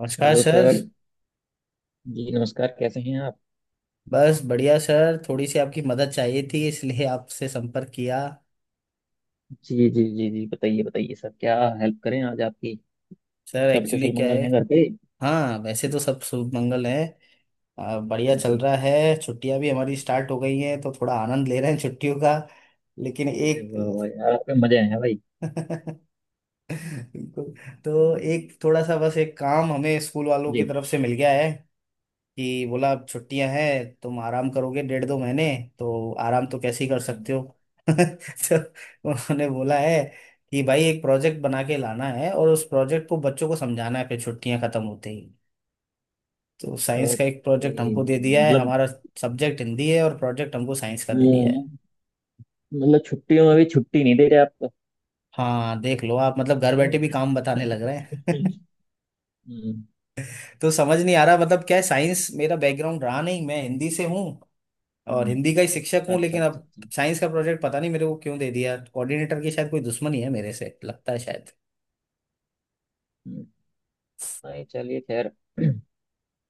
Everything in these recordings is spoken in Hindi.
नमस्कार हेलो सर। सर। जी नमस्कार, कैसे हैं आप? बस बढ़िया सर, थोड़ी सी आपकी मदद चाहिए थी इसलिए आपसे संपर्क किया। जी जी जी जी, बताइए बताइए सर, क्या हेल्प करें आज आपकी। सर सब एक्चुअली कुशल क्या मंगल है। हैं घर पे? हाँ, वैसे तो सब शुभ मंगल है। बढ़िया चल जी। रहा है, छुट्टियां भी हमारी स्टार्ट हो गई हैं तो थोड़ा आनंद ले रहे हैं छुट्टियों का। लेकिन अरे एक वाह वाह यार, आपके मजे हैं भाई। बिल्कुल। तो एक थोड़ा सा बस एक काम हमें स्कूल वालों जी। की तरफ से मिल गया है कि बोला अब छुट्टियां हैं तुम आराम करोगे डेढ़ दो महीने, तो आराम तो कैसे ही कर हम्म। सकते हो। तो उन्होंने बोला है कि भाई एक प्रोजेक्ट बना के लाना है और उस प्रोजेक्ट को बच्चों को समझाना है फिर छुट्टियां खत्म होते ही। तो साइंस का एक प्रोजेक्ट ओके, हमको दे दिया है मतलब। हमारा। सब्जेक्ट हिंदी है और प्रोजेक्ट हमको साइंस का दे दिया है। हम्म। मतलब छुट्टियों में भी छुट्टी नहीं दे रहे आपको। हाँ देख लो आप, मतलब घर बैठे भी काम बताने लग रहे हैं। हम्म। तो समझ नहीं आ रहा मतलब क्या है, साइंस मेरा बैकग्राउंड रहा नहीं, मैं हिंदी से हूँ और हम्म। हिंदी का ही शिक्षक हूँ, अच्छा लेकिन अच्छा अब अच्छा। साइंस का प्रोजेक्ट पता नहीं मेरे को क्यों दे दिया। कोऑर्डिनेटर की शायद कोई दुश्मनी है मेरे से, लगता है शायद। हम्म। नहीं चलिए खैर,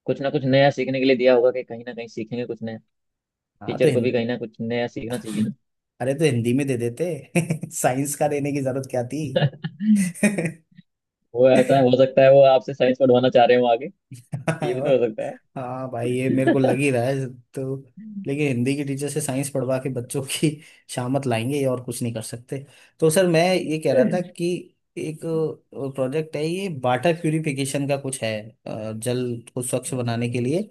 कुछ ना कुछ नया सीखने के लिए दिया होगा कि कहीं ना कहीं सीखेंगे कुछ नया। हाँ तो टीचर को भी हिंद कहीं ना कुछ नया सीखना चाहिए। अरे, तो हिंदी में दे देते साइंस का देने की जरूरत क्या थी। ना वो ऐसा हो सकता है, वो आपसे साइंस पढ़वाना चाह रहे हो आगे। ये भी तो और हो सकता हाँ भाई, ये मेरे को है। लग ही रहा है। तो लेकिन हिंदी की टीचर से साइंस पढ़वा के बच्चों की शामत लाएंगे, ये और कुछ नहीं कर सकते। तो सर मैं ये कह रहा था अच्छा। कि एक प्रोजेक्ट है, ये वाटर प्यूरिफिकेशन का कुछ है। जल को स्वच्छ बनाने अच्छा। के लिए।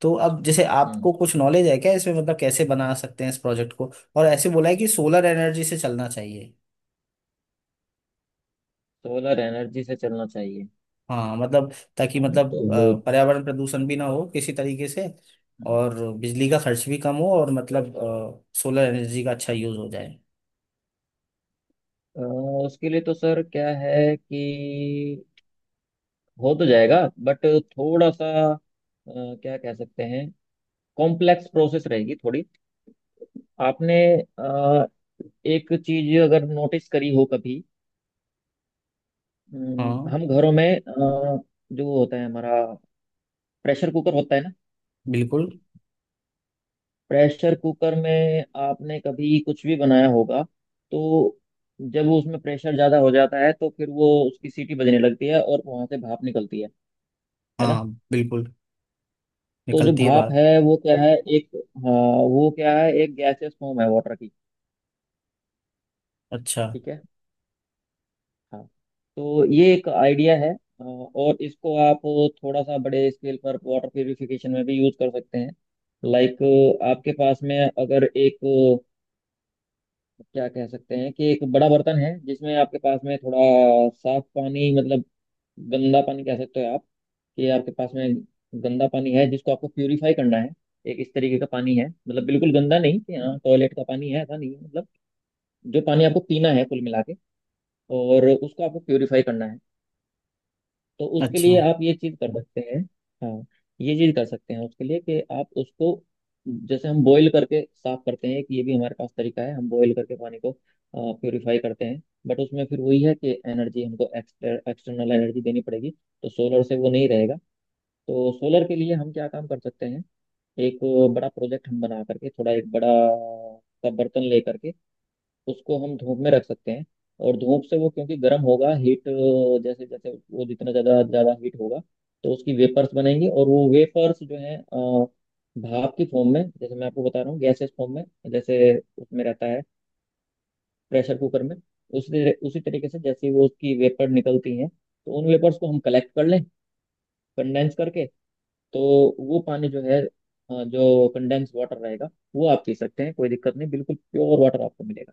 तो अब जैसे हम्म। आपको कुछ नॉलेज है क्या इसमें, मतलब कैसे बना सकते हैं इस प्रोजेक्ट को, और ऐसे बोला है कि सोलर एनर्जी से चलना चाहिए। सोलर एनर्जी से चलना चाहिए? हाँ मतलब ताकि हम तो मतलब हो। पर्यावरण प्रदूषण भी ना हो किसी तरीके से, और बिजली का खर्च भी कम हो, और मतलब सोलर एनर्जी का अच्छा यूज हो जाए। अ, उसके लिए तो सर क्या है कि हो तो जाएगा, बट थोड़ा सा, अ, क्या कह सकते हैं, कॉम्प्लेक्स प्रोसेस रहेगी थोड़ी। आपने अ, एक चीज अगर नोटिस करी हो कभी। हाँ हम घरों में, जो होता है हमारा, प्रेशर कुकर होता है ना। बिल्कुल। प्रेशर कुकर में आपने कभी कुछ भी बनाया होगा, तो जब वो उसमें प्रेशर ज्यादा हो जाता है तो फिर वो उसकी सीटी बजने लगती है और वहां से भाप निकलती है। है ना। हाँ बिल्कुल। तो जो निकलती है भाप बात। है वो क्या है एक। हाँ। वो क्या है, एक गैसियस फॉर्म है वाटर की। अच्छा ठीक है। हाँ। तो ये एक आइडिया है, और इसको आप थोड़ा सा बड़े स्केल पर वाटर प्यूरिफिकेशन में भी यूज कर सकते हैं। लाइक आपके पास में अगर एक, क्या कह सकते हैं कि एक बड़ा बर्तन है जिसमें आपके पास में थोड़ा साफ पानी, मतलब गंदा पानी कह सकते हो आप, कि आपके पास में गंदा पानी है जिसको आपको प्यूरिफाई करना है। एक इस तरीके का पानी है, मतलब बिल्कुल गंदा नहीं कि हाँ टॉयलेट का पानी है, ऐसा नहीं है। मतलब जो पानी आपको पीना है कुल मिला के, और उसको आपको प्यूरिफाई करना है, तो उसके लिए अच्छा आप ये चीज कर सकते हैं। हाँ। ये चीज कर सकते हैं उसके लिए कि आप उसको, जैसे हम बॉईल करके साफ करते हैं, कि ये भी हमारे पास तरीका है, हम बॉईल करके पानी को प्योरीफाई करते हैं, बट उसमें फिर वही है कि एनर्जी हमको एक्सटर्नल एनर्जी देनी पड़ेगी, तो सोलर से वो नहीं रहेगा। तो सोलर के लिए हम क्या काम कर सकते हैं, एक बड़ा प्रोजेक्ट हम बना करके, थोड़ा एक बड़ा सा बर्तन ले करके उसको हम धूप में रख सकते हैं, और धूप से वो क्योंकि गर्म होगा, हीट, जैसे जैसे वो जितना ज़्यादा ज़्यादा हीट होगा तो उसकी वेपर्स बनेंगी, और वो वेपर्स जो है, भाप की फॉर्म में, जैसे मैं आपको बता रहा हूँ, गैसेस फॉर्म में, जैसे उसमें रहता है, प्रेशर कुकर में, उसी उसी तरीके से, जैसे वो उसकी वेपर निकलती हैं, तो उन वेपर्स को हम कलेक्ट कर लें, कंडेंस करके। तो वो पानी जो है, जो कंडेंस वाटर रहेगा, वो आप पी सकते हैं, कोई दिक्कत नहीं, बिल्कुल प्योर वाटर आपको मिलेगा।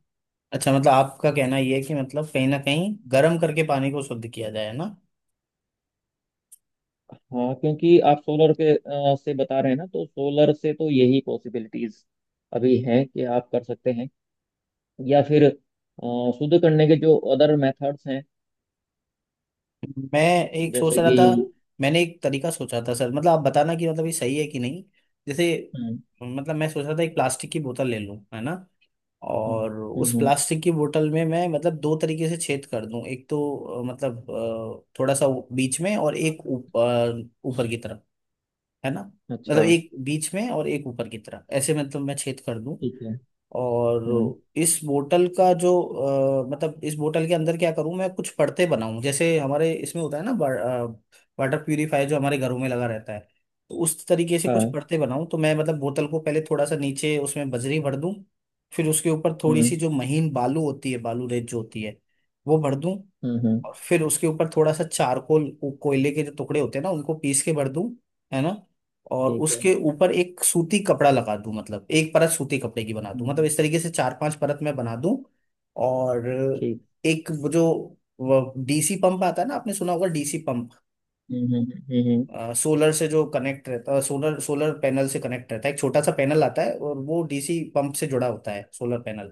अच्छा। मतलब आपका कहना ये है कि मतलब कहीं ना कहीं गर्म करके पानी को शुद्ध किया जाए ना। हाँ क्योंकि आप सोलर के, से बता रहे हैं ना, तो सोलर से तो यही पॉसिबिलिटीज अभी हैं कि आप कर सकते हैं, या फिर शुद्ध करने के जो अदर मेथड्स हैं, मैं एक सोच जैसे रहा कि। था, मैंने एक तरीका सोचा था सर, मतलब आप बताना कि मतलब ये सही है कि नहीं। जैसे हम्म। मतलब मैं सोच रहा था एक प्लास्टिक की बोतल ले लूं, है ना। हम्म। और हम्म। उस हम्म। प्लास्टिक की बोतल में मैं मतलब दो तरीके से छेद कर दूं, एक तो मतलब थोड़ा सा बीच में और एक ऊपर की तरफ, है ना। मतलब अच्छा। एक बीच में और एक ऊपर की तरफ ऐसे मतलब मैं छेद कर दूं। ठीक है। हम्म। और इस बोतल का जो मतलब इस बोतल के अंदर क्या करूं, मैं कुछ परतें बनाऊं, जैसे हमारे इसमें होता है ना, वाटर प्यूरिफायर जो हमारे घरों में लगा रहता है। तो उस तरीके से कुछ हाँ। परतें बनाऊं, तो मैं मतलब बोतल को पहले थोड़ा सा नीचे उसमें बजरी भर दूं, फिर उसके ऊपर थोड़ी सी हम्म। जो महीन बालू होती है, बालू रेत जो होती है, वो भर दूं, हम्म। हम्म। और फिर उसके ऊपर थोड़ा सा चारकोल, वो कोयले के जो टुकड़े होते हैं ना उनको पीस के भर दूं, है ना। और ठीक है। उसके ऊपर एक सूती कपड़ा लगा दूं, मतलब एक परत सूती कपड़े की बना दूं, मतलब हम्म। इस तरीके से चार पांच परत मैं बना दूं। और ठीक। एक वो जो डीसी पंप आता है ना, आपने सुना होगा डीसी पंप, हम्म। हम्म। हम्म। सोलर से जो कनेक्ट रहता है, सोलर सोलर पैनल से कनेक्ट रहता है, एक छोटा सा पैनल आता है और वो डीसी पंप से जुड़ा होता है सोलर पैनल।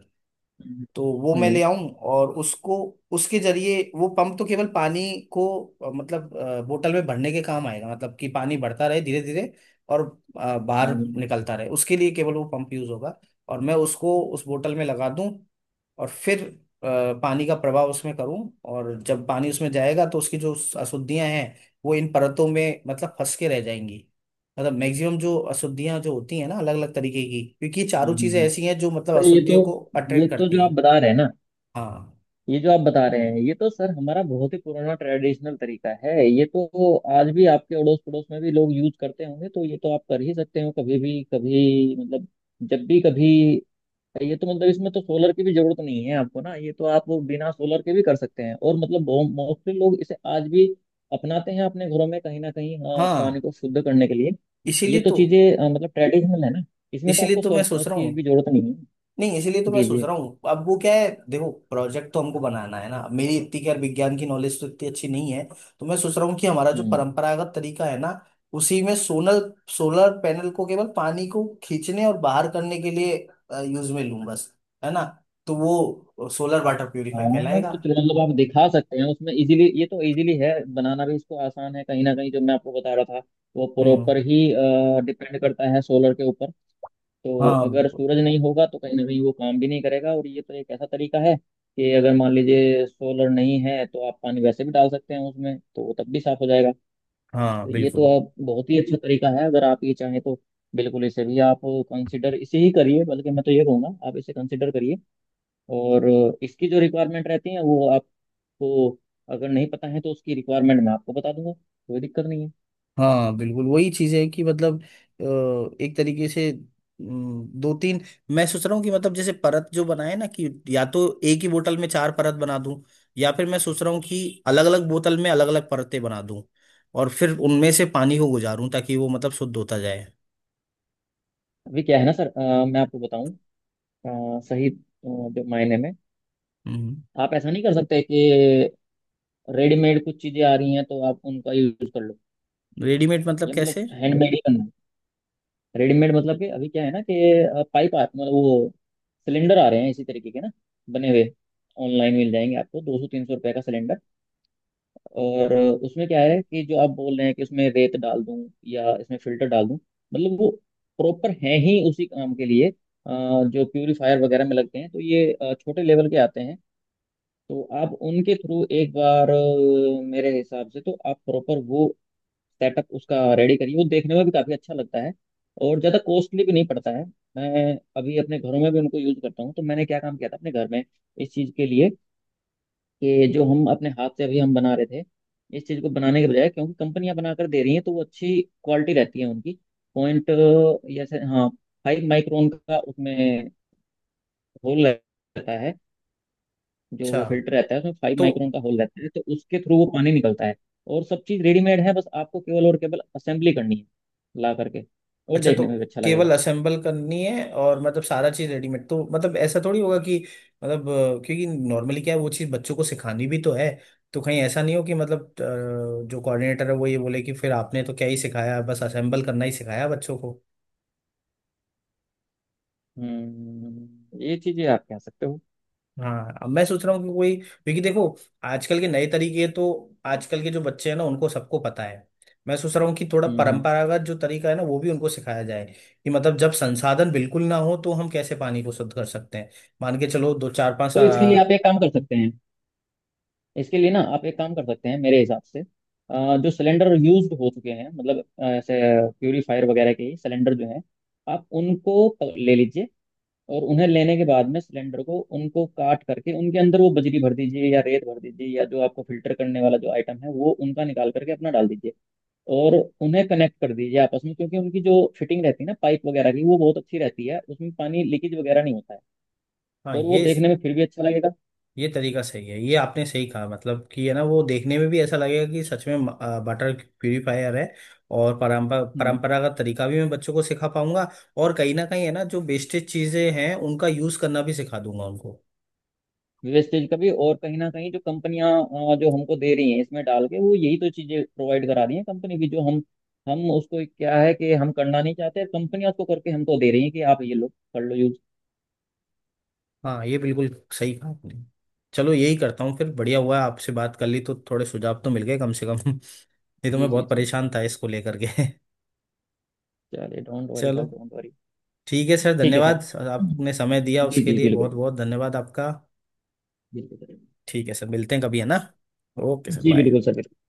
हम्म। तो वो मैं ले हम्म। आऊं और उसको, उसके जरिए वो पंप तो केवल पानी को मतलब बोतल में भरने के काम आएगा, मतलब कि पानी बढ़ता रहे धीरे धीरे, और बाहर हम्म। हम्म। निकलता रहे, उसके लिए केवल वो पंप यूज होगा। और मैं उसको उस बोतल में लगा दूं, और फिर अ, पानी का प्रवाह उसमें करूं, और जब पानी उसमें जाएगा तो उसकी जो अशुद्धियां हैं वो इन परतों में मतलब फंस के रह जाएंगी। मतलब मैक्सिमम जो अशुद्धियां जो होती हैं ना अलग अलग तरीके की, क्योंकि ये हम्म। चारों चीजें हम्म। ऐसी हैं जो मतलब तो ये अशुद्धियों को तो ये अट्रैक्ट तो करती जो आप हैं। बता रहे हैं ना, हाँ। ये जो आप बता रहे हैं ये तो सर हमारा बहुत ही पुराना ट्रेडिशनल तरीका है। ये तो आज भी आपके अड़ोस पड़ोस में भी लोग यूज करते होंगे, तो ये तो आप कर ही सकते हो, कभी भी, कभी, मतलब जब भी कभी। ये तो मतलब इसमें तो सोलर की भी जरूरत नहीं है आपको ना, ये तो आप बिना सोलर के भी कर सकते हैं, और मतलब मोस्टली लोग इसे आज भी अपनाते हैं अपने घरों में कहीं ना कहीं, हाँ, पानी हाँ को शुद्ध करने के लिए। ये इसीलिए तो तो चीजें मतलब ट्रेडिशनल है ना, इसमें तो इसीलिए आपको तो मैं सोच रहा उसकी हूँ। भी जरूरत नहीं है। नहीं, इसीलिए तो मैं जी सोच जी। रहा हूँ अब वो क्या है, देखो प्रोजेक्ट तो हमको बनाना है ना। अब मेरी इतनी खैर विज्ञान की नॉलेज तो इतनी अच्छी नहीं है। तो मैं सोच रहा हूँ कि हमारा जो हम्म। परंपरागत तरीका है ना, उसी में सोलर, सोलर पैनल को केवल पानी को खींचने और बाहर करने के लिए यूज में लूँ बस, है ना। तो वो सोलर वाटर प्यूरिफायर हाँ कहलाएगा। तो चलो, मतलब आप दिखा सकते हैं उसमें इजीली, ये तो इजीली है, बनाना भी इसको आसान है। कहीं ना कहीं जो मैं आपको बता रहा था, वो हम्म। प्रॉपर ही डिपेंड करता है सोलर के ऊपर, तो हाँ अगर बिल्कुल। सूरज नहीं होगा तो कहीं ना कहीं वो काम भी नहीं करेगा। और ये तो एक ऐसा तरीका है कि अगर मान लीजिए सोलर नहीं है तो आप पानी वैसे भी डाल सकते हैं उसमें, तो वो तब भी साफ हो जाएगा। हाँ तो ये तो बिल्कुल। आप, बहुत ही अच्छा तरीका है अगर आप ये चाहें तो। बिल्कुल इसे भी आप कंसिडर, इसे ही करिए, बल्कि मैं तो ये कहूँगा आप इसे कंसिडर करिए। और इसकी जो रिक्वायरमेंट रहती है वो आपको, अगर नहीं पता है तो उसकी रिक्वायरमेंट मैं आपको बता दूंगा, कोई दिक्कत नहीं है। हाँ बिल्कुल वही चीज है कि मतलब एक तरीके से दो तीन, मैं सोच रहा हूँ कि मतलब जैसे परत जो बनाए ना कि या तो एक ही बोतल में चार परत बना दूं, या फिर मैं सोच रहा हूँ कि अलग अलग बोतल में अलग अलग परतें बना दूं, और फिर उनमें से पानी को गुजारूं ताकि वो मतलब शुद्ध होता जाए। अभी क्या है ना सर, मैं आपको बताऊं, अ, सही अ, जो मायने में, हम्म। आप ऐसा नहीं कर सकते कि रेडीमेड कुछ चीजें आ रही हैं तो आप उनका यूज कर लो। रेडीमेड मतलब ये मतलब कैसे। हैंडमेड ही करना है। रेडीमेड मतलब कि अभी क्या है ना कि, पाइप आ मतलब वो सिलेंडर आ रहे हैं इसी तरीके के ना, बने हुए, ऑनलाइन मिल जाएंगे आपको, 200 300 रुपए का सिलेंडर। और उसमें क्या है कि जो आप बोल रहे हैं कि इसमें रेत डाल दूं या इसमें फिल्टर डाल दूं, मतलब वो प्रॉपर है ही उसी काम के लिए, जो प्यूरिफायर वगैरह में लगते हैं, तो ये छोटे लेवल के आते हैं। तो आप उनके थ्रू एक बार, मेरे हिसाब से तो आप प्रॉपर वो सेटअप उसका रेडी करिए, वो देखने में भी काफ़ी अच्छा लगता है, और ज़्यादा कॉस्टली भी नहीं पड़ता है। मैं अभी अपने घरों में भी उनको यूज़ करता हूँ। तो मैंने क्या काम किया था अपने घर में इस चीज़ के लिए, कि जो हम अपने हाथ से अभी हम बना रहे थे, इस चीज़ को बनाने के बजाय, क्योंकि कंपनियां बनाकर दे रही हैं तो वो अच्छी क्वालिटी रहती है उनकी, पॉइंट, जैसे, हाँ, 5 माइक्रोन का उसमें होल रहता है, जो अच्छा वो फिल्टर रहता है उसमें फाइव तो माइक्रोन का होल रहता है, तो उसके थ्रू वो पानी निकलता है। और सब चीज़ रेडीमेड है, बस आपको केवल और केवल असेंबली करनी है ला करके, और अच्छा तो देखने में भी अच्छा लगेगा। केवल असेंबल करनी है, और मतलब सारा चीज रेडीमेड, तो मतलब ऐसा थोड़ी होगा कि मतलब क्योंकि नॉर्मली क्या है वो चीज बच्चों को सिखानी भी तो है। तो कहीं ऐसा नहीं हो कि मतलब जो कोऑर्डिनेटर है वो ये बोले कि फिर आपने तो क्या ही सिखाया, बस असेंबल करना ही सिखाया बच्चों को। हम्म, ये चीज़ें आप कह सकते हो। हाँ अब मैं सोच रहा हूँ कि कोई, क्योंकि देखो आजकल के नए तरीके तो आजकल के जो बच्चे हैं ना उनको सबको पता है। मैं सोच रहा हूँ कि थोड़ा हम्म। हम्म। परंपरागत जो तरीका है ना वो भी उनको सिखाया जाए, कि मतलब जब संसाधन बिल्कुल ना हो तो हम कैसे पानी को शुद्ध कर सकते हैं। मान के चलो, दो चार पांच तो इसके लिए आप एक काम कर सकते हैं, इसके लिए ना आप एक काम कर सकते हैं मेरे हिसाब से, जो सिलेंडर यूज्ड हो चुके हैं, मतलब ऐसे प्यूरीफायर वगैरह के सिलेंडर जो हैं, आप उनको ले लीजिए, और उन्हें लेने के बाद में सिलेंडर को उनको काट करके उनके अंदर वो बजरी भर दीजिए या रेत भर दीजिए, या जो आपको फिल्टर करने वाला जो आइटम है वो उनका निकाल करके अपना डाल दीजिए, और उन्हें कनेक्ट कर दीजिए आपस में, क्योंकि उनकी जो फिटिंग रहती है ना पाइप वगैरह की वो बहुत अच्छी रहती है, उसमें पानी लीकेज वगैरह नहीं होता है, हाँ और वो ये देखने में फिर भी अच्छा लगेगा। ये तरीका सही है, ये आपने सही कहा। मतलब कि है ना वो देखने में भी ऐसा लगेगा कि सच में बटर प्यूरिफायर है। और परंपरागत तरीका भी मैं बच्चों को सिखा पाऊंगा, और कहीं ना कहीं है ना जो वेस्टेज चीजें हैं उनका यूज करना भी सिखा दूंगा उनको। वेस्टेज का भी, और कहीं ना कहीं जो कंपनियां, जो हमको दे रही हैं इसमें डाल के, वो यही तो चीजें प्रोवाइड करा रही हैं कंपनी की, जो हम उसको क्या है कि हम करना नहीं चाहते, कंपनियां उसको करके हमको दे रही हैं कि आप ये लो, कर लो यूज। हाँ ये बिल्कुल सही कहा आपने। चलो यही करता हूँ, फिर बढ़िया हुआ आपसे बात कर ली तो थोड़े सुझाव तो मिल गए कम से कम। नहीं तो जी मैं जी बहुत जी। परेशान था इसको लेकर के। चलिए डोंट वरी चलो सर, डोंट वरी। ठीक है सर, ठीक है सर। धन्यवाद सर, आपने समय दिया जी उसके जी लिए बिल्कुल बहुत बिल्कुल। बहुत धन्यवाद आपका। बिल्कुल करेंगे। ठीक है सर, मिलते हैं कभी, है ना। Okay sir, ji bye. बिल्कुल सर, बिल्कुल।